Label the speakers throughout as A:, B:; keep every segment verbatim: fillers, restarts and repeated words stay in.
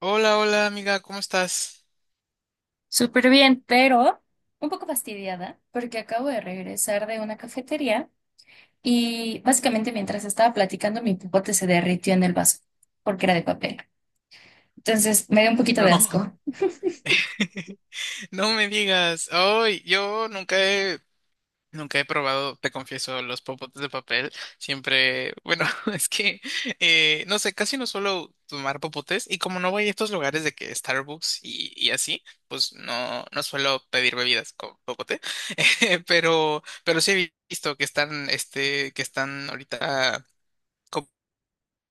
A: Hola, hola amiga, ¿cómo estás?
B: Súper bien, pero un poco fastidiada porque acabo de regresar de una cafetería y básicamente mientras estaba platicando mi popote se derritió en el vaso porque era de papel. Entonces me dio un poquito de
A: No,
B: asco.
A: no me digas. Ay, yo nunca he, nunca he probado, te confieso, los popotes de papel. Siempre, bueno, es que, eh, no sé, casi no suelo tomar popotes y como no voy a estos lugares de que Starbucks y, y así, pues no, no suelo pedir bebidas con popote. Eh, Pero, pero sí he visto que están, este, que están ahorita,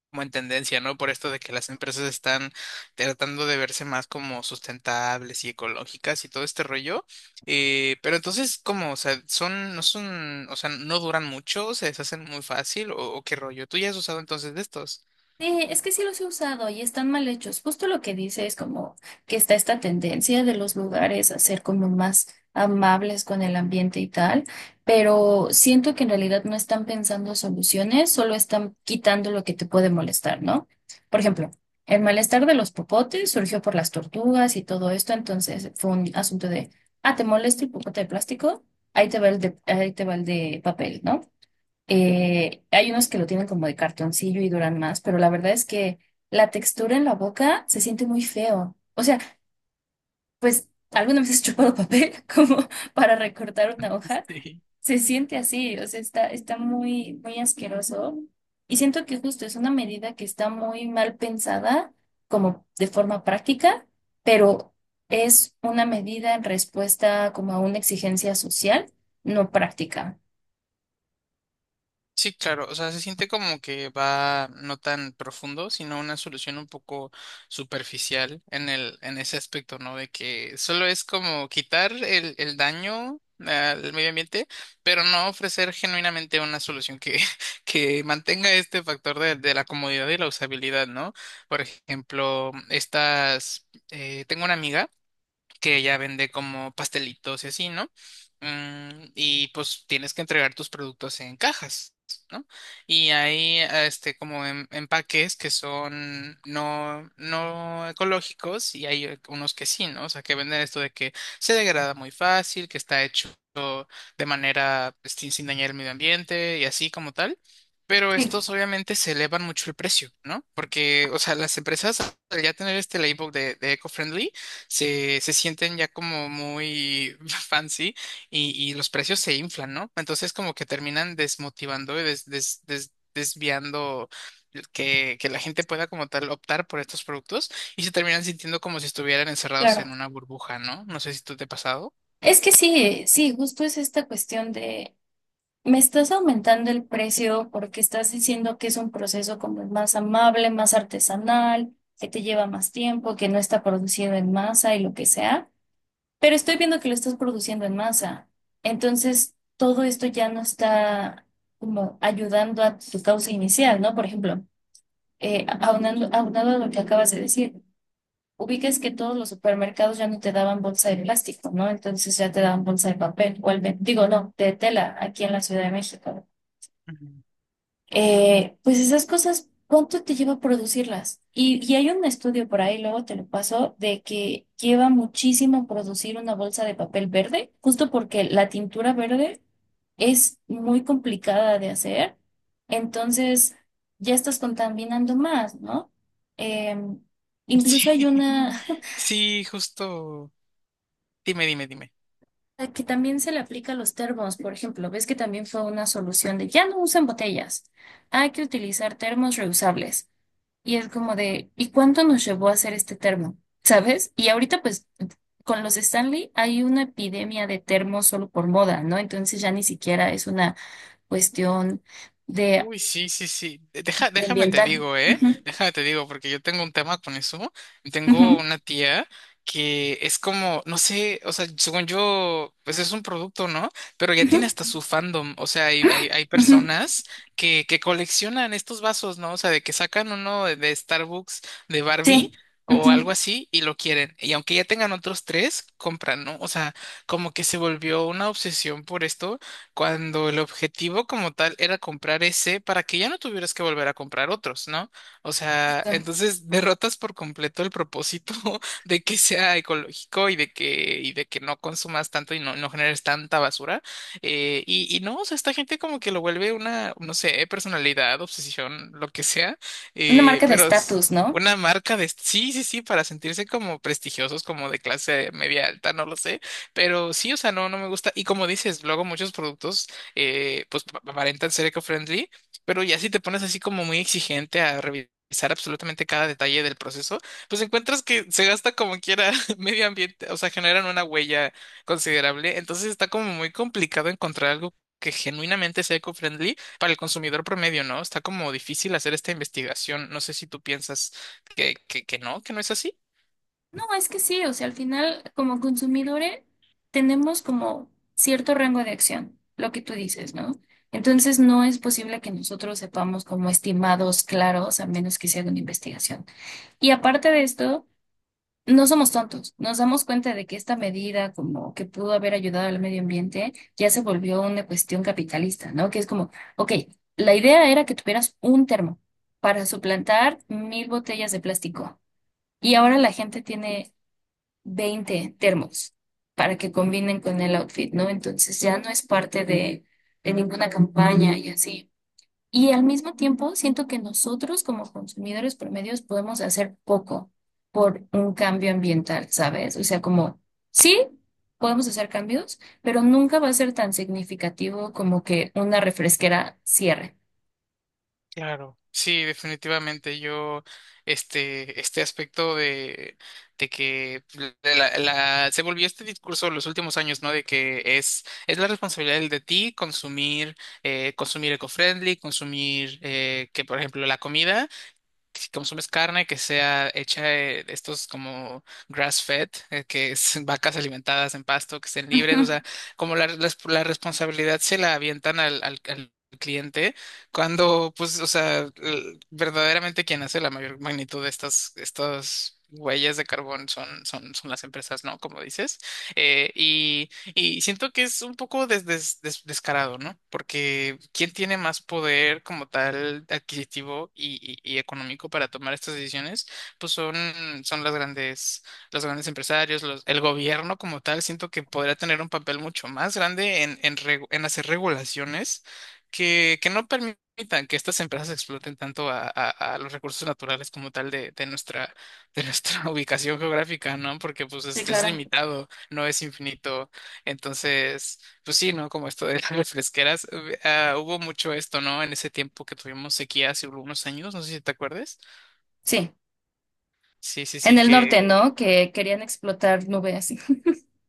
A: como en tendencia, ¿no? Por esto de que las empresas están tratando de verse más como sustentables y ecológicas y todo este rollo. Eh, pero entonces, ¿cómo? O sea, son, no son, o sea, no duran mucho, se deshacen muy fácil, o, o qué rollo. ¿Tú ya has usado entonces de estos?
B: Sí, es que sí los he usado y están mal hechos. Justo lo que dice es como que está esta tendencia de los lugares a ser como más amables con el ambiente y tal, pero siento que en realidad no están pensando soluciones, solo están quitando lo que te puede molestar, ¿no? Por ejemplo, el malestar de los popotes surgió por las tortugas y todo esto, entonces fue un asunto de, ah, ¿te molesta el popote de plástico? Ahí te va el de, ahí te va el de papel, ¿no? Eh, hay unos que lo tienen como de cartoncillo y duran más, pero la verdad es que la textura en la boca se siente muy feo. O sea, pues alguna vez has chupado papel como para recortar una hoja,
A: Sí.
B: se siente así, o sea, está, está muy, muy asqueroso. Y siento que justo es una medida que está muy mal pensada, como de forma práctica, pero es una medida en respuesta como a una exigencia social, no práctica.
A: Sí, claro, o sea, se siente como que va no tan profundo, sino una solución un poco superficial en el, en ese aspecto, ¿no? De que solo es como quitar el, el daño al medio ambiente, pero no ofrecer genuinamente una solución que, que mantenga este factor de, de la comodidad y la usabilidad, ¿no? Por ejemplo, estas, eh, tengo una amiga que ella vende como pastelitos y así, ¿no? Mm, y pues tienes que entregar tus productos en cajas, ¿no? Y hay este como em- empaques que son no, no ecológicos y hay eh, unos que sí, ¿no? O sea, que venden esto de que se degrada muy fácil, que está hecho de manera pues, sin, sin dañar el medio ambiente y así como tal. Pero
B: Sí,
A: estos obviamente se elevan mucho el precio, ¿no? Porque, o sea, las empresas al ya tener este label de, de eco-friendly se, se sienten ya como muy fancy y, y los precios se inflan, ¿no? Entonces como que terminan desmotivando y des- des- des- desviando que, que la gente pueda como tal optar por estos productos y se terminan sintiendo como si estuvieran encerrados
B: claro.
A: en una burbuja, ¿no? No sé si tú te ha pasado.
B: Es que sí, sí, justo es esta cuestión de, me estás aumentando el precio porque estás diciendo que es un proceso como más amable, más artesanal, que te lleva más tiempo, que no está producido en masa y lo que sea, pero estoy viendo que lo estás produciendo en masa. Entonces, todo esto ya no está como ayudando a tu causa inicial, ¿no? Por ejemplo, eh, aunando, aunado a lo que acabas de decir ubiques que todos los supermercados ya no te daban bolsa de plástico, ¿no? Entonces ya te daban bolsa de papel, o al ve- digo, no, de tela, aquí en la Ciudad de México.
A: Ujú.
B: Eh, pues esas cosas, ¿cuánto te lleva producirlas? Y, y hay un estudio por ahí, luego te lo paso, de que lleva muchísimo producir una bolsa de papel verde, justo porque la tintura verde es muy complicada de hacer, entonces ya estás contaminando más, ¿no? Em, incluso hay
A: Sí,
B: una.
A: sí, justo. Dime, dime, dime.
B: A que también se le aplica a los termos, por ejemplo, ves que también fue una solución de ya no usen botellas, hay que utilizar termos reusables. Y es como de, ¿y cuánto nos llevó a hacer este termo? ¿Sabes? Y ahorita pues con los Stanley hay una epidemia de termos solo por moda, ¿no? Entonces ya ni siquiera es una cuestión de,
A: Uy, sí, sí, sí. De- Deja,
B: de
A: déjame te
B: ambiental.
A: digo, ¿eh?
B: Ujú,
A: Déjame te digo, porque yo tengo un tema con eso. Tengo
B: ujú,
A: una tía que es como, no sé, o sea, según yo, pues es un producto, ¿no? Pero ya
B: ujú,
A: tiene hasta su fandom. O sea, hay, hay, hay
B: ujú,
A: personas que, que coleccionan estos vasos, ¿no? O sea, de que sacan uno de, de Starbucks de Barbie,
B: sí,
A: o algo
B: ujú.
A: así y lo quieren. Y aunque ya tengan otros tres, compran, ¿no? O sea, como que se volvió una obsesión por esto cuando el objetivo como tal era comprar ese para que ya no tuvieras que volver a comprar otros, ¿no? O sea, entonces derrotas por completo el propósito de que sea ecológico y de que, y de que no consumas tanto y no, no generes tanta basura. Eh, y, y no, o sea, esta gente como que lo vuelve una, no sé, personalidad, obsesión, lo que sea,
B: Una
A: eh,
B: marca de
A: pero... es
B: estatus, ¿no?
A: una marca de... Sí, sí, sí, para sentirse como prestigiosos, como de clase media alta, no lo sé. Pero sí, o sea, no, no me gusta. Y como dices, luego muchos productos eh, pues pa- aparentan ser eco-friendly, pero ya si te pones así como muy exigente a revisar absolutamente cada detalle del proceso, pues encuentras que se gasta como quiera medio ambiente, o sea, generan una huella considerable. Entonces está como muy complicado encontrar algo que genuinamente sea eco-friendly para el consumidor promedio, ¿no? Está como difícil hacer esta investigación. No sé si tú piensas que, que, que no, que no es así.
B: No, es que sí, o sea, al final como consumidores tenemos como cierto rango de acción, lo que tú dices, ¿no? Entonces no es posible que nosotros sepamos como estimados claros a menos que se haga una investigación. Y aparte de esto, no somos tontos, nos damos cuenta de que esta medida como que pudo haber ayudado al medio ambiente ya se volvió una cuestión capitalista, ¿no? Que es como, ok, la idea era que tuvieras un termo para suplantar mil botellas de plástico. Y ahora la gente tiene veinte termos para que combinen con el outfit, ¿no? Entonces ya no es parte de de ninguna campaña y así. Y al mismo tiempo, siento que nosotros como consumidores promedios podemos hacer poco por un cambio ambiental, ¿sabes? O sea, como sí, podemos hacer cambios, pero nunca va a ser tan significativo como que una refresquera cierre.
A: Claro, sí, definitivamente. Yo, este, este aspecto de, de que pues, de la, la- se volvió este discurso en los últimos años, ¿no? De que es, es la responsabilidad de ti consumir, eh, consumir eco-friendly, consumir, eh, que por ejemplo la comida consumes carne que sea hecha de de estos como grass-fed, eh, que es vacas alimentadas en pasto, que estén libres, o
B: Ujú,
A: sea, como la, res- la responsabilidad se la avientan al, al- al cliente, cuando, pues, o sea, l- verdaderamente quien hace la mayor magnitud de estas, estas huellas de carbón son, son, son las empresas, ¿no? Como dices. Eh, y siento que es un poco des- des- des- descarado, ¿no? Porque ¿quién tiene más poder como tal adquisitivo y, y- y económico para tomar estas decisiones? Pues son, son las grandes, los grandes empresarios, los- el gobierno como tal. Siento que podría tener un papel mucho más grande en, en, regu- en hacer regulaciones que, que no permitan que estas empresas exploten tanto a, a- a los recursos naturales como tal de, de nuestra, de nuestra ubicación geográfica, ¿no? Porque pues
B: sí,
A: es es
B: claro.
A: limitado, no es infinito, entonces, pues sí, ¿no? Como esto de las refresqueras, hub- ah, hubo mucho esto, ¿no? En ese tiempo que tuvimos sequía hace algunos años, no sé si te acuerdas.
B: Sí.
A: Sí, sí,
B: En
A: sí,
B: el norte,
A: que...
B: ¿no? Que querían explotar nubes.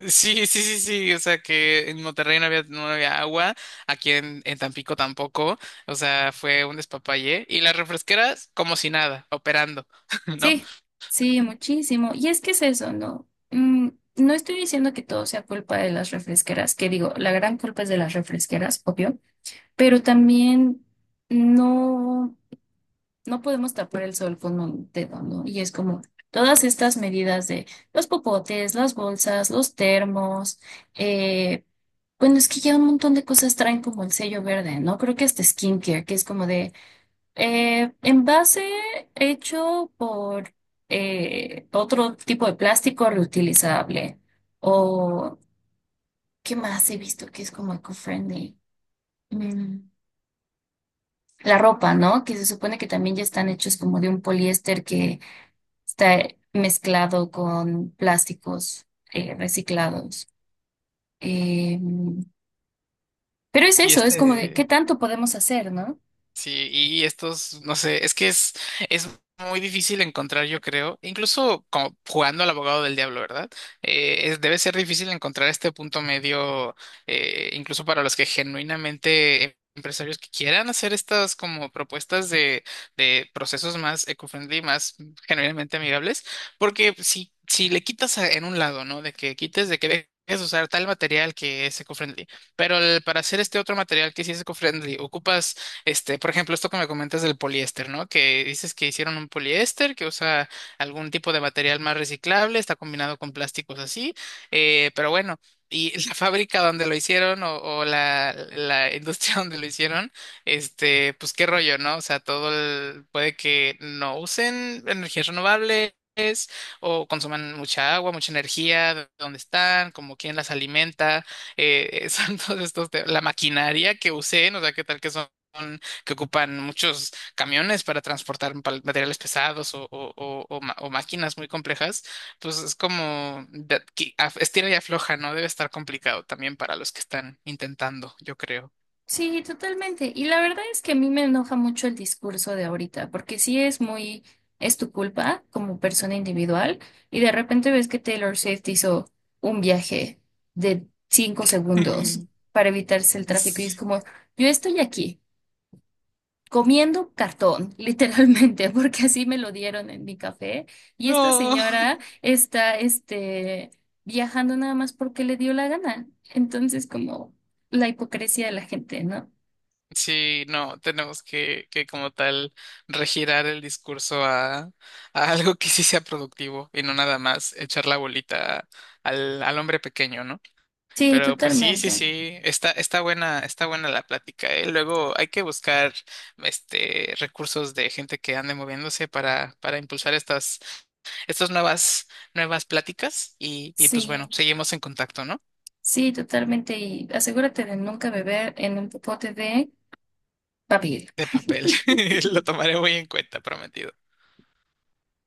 A: Sí, sí, sí, sí, o sea que en Monterrey no había, no había agua, aquí en, en Tampico tampoco, o sea, fue un despapalle. Y las refresqueras como si nada, operando, ¿no?
B: Sí, sí, muchísimo. Y es que es eso, ¿no? Mm, no estoy diciendo que todo sea culpa de las refresqueras, que digo, la gran culpa es de las refresqueras, obvio, pero también no, no podemos tapar el sol con un dedo, ¿no? Y es como todas estas medidas de los popotes, las bolsas, los termos, eh, bueno, es que ya un montón de cosas traen como el sello verde, ¿no? Creo que hasta skincare, que es como de... Eh, envase hecho por eh, otro tipo de plástico reutilizable. O, ¿qué más he visto que es como eco-friendly? Mm, la ropa, ¿no? Que se supone que también ya están hechos como de un poliéster que está mezclado con plásticos eh, reciclados. Eh, pero es
A: Y
B: eso, es como de qué
A: este...
B: tanto podemos hacer, ¿no?
A: Sí, y estos, no sé, es que es, es muy difícil encontrar, yo creo, incluso como jugando al abogado del diablo, ¿verdad? Eh, es- debe ser difícil encontrar este punto medio, eh, incluso para los que genuinamente em- empresarios que quieran hacer estas como propuestas de, de procesos más eco-friendly, más genuinamente amigables, porque si, si le quitas a- en un lado, ¿no? De que quites, de que dejes de usar tal material que es eco-friendly, pero el- para hacer este otro material que sí es eco-friendly, ocupas este, por ejemplo, esto que me comentas del poliéster, ¿no? Que dices que hicieron un poliéster que usa algún tipo de material más reciclable, está combinado con plásticos así, eh, pero bueno, y la fábrica donde lo hicieron o, o la, la industria donde lo hicieron, este, pues qué rollo, ¿no? O sea, todo el- puede que no usen energías renovables, o consuman mucha agua, mucha energía, de dónde están, como quién las alimenta, eh, son todos estos, te- la maquinaria que usen, o sea, qué tal que son que ocupan muchos camiones para transportar pal- materiales pesados o, o- o- o ma- o máquinas muy complejas, pues es como de- que af- estira y afloja, ¿no? Debe estar complicado también para los que están intentando, yo creo.
B: Sí, totalmente. Y la verdad es que a mí me enoja mucho el discurso de ahorita, porque sí es muy, es, tu culpa como persona individual, y de repente ves que Taylor Swift hizo un viaje de cinco segundos para evitarse el tráfico, y es como, yo estoy aquí comiendo cartón, literalmente, porque así me lo dieron en mi café, y esta
A: No.
B: señora está, este, viajando nada más porque le dio la gana. Entonces, como la hipocresía de la gente, ¿no?
A: Sí, no, tenemos que, que como tal regirar el discurso a, a algo que sí sea productivo y no nada más echar la bolita al, al hombre pequeño, ¿no?
B: Sí,
A: Pero pues sí, sí,
B: totalmente.
A: sí, está, está buena, está buena la plática, ¿eh? Luego hay que buscar este recursos de gente que ande moviéndose para, para impulsar estas, estas nuevas, nuevas pláticas y, y pues
B: Sí,
A: bueno, seguimos en contacto, ¿no?
B: sí, totalmente. Y asegúrate de nunca beber en un popote de papel.
A: De papel. Lo tomaré muy en cuenta, prometido.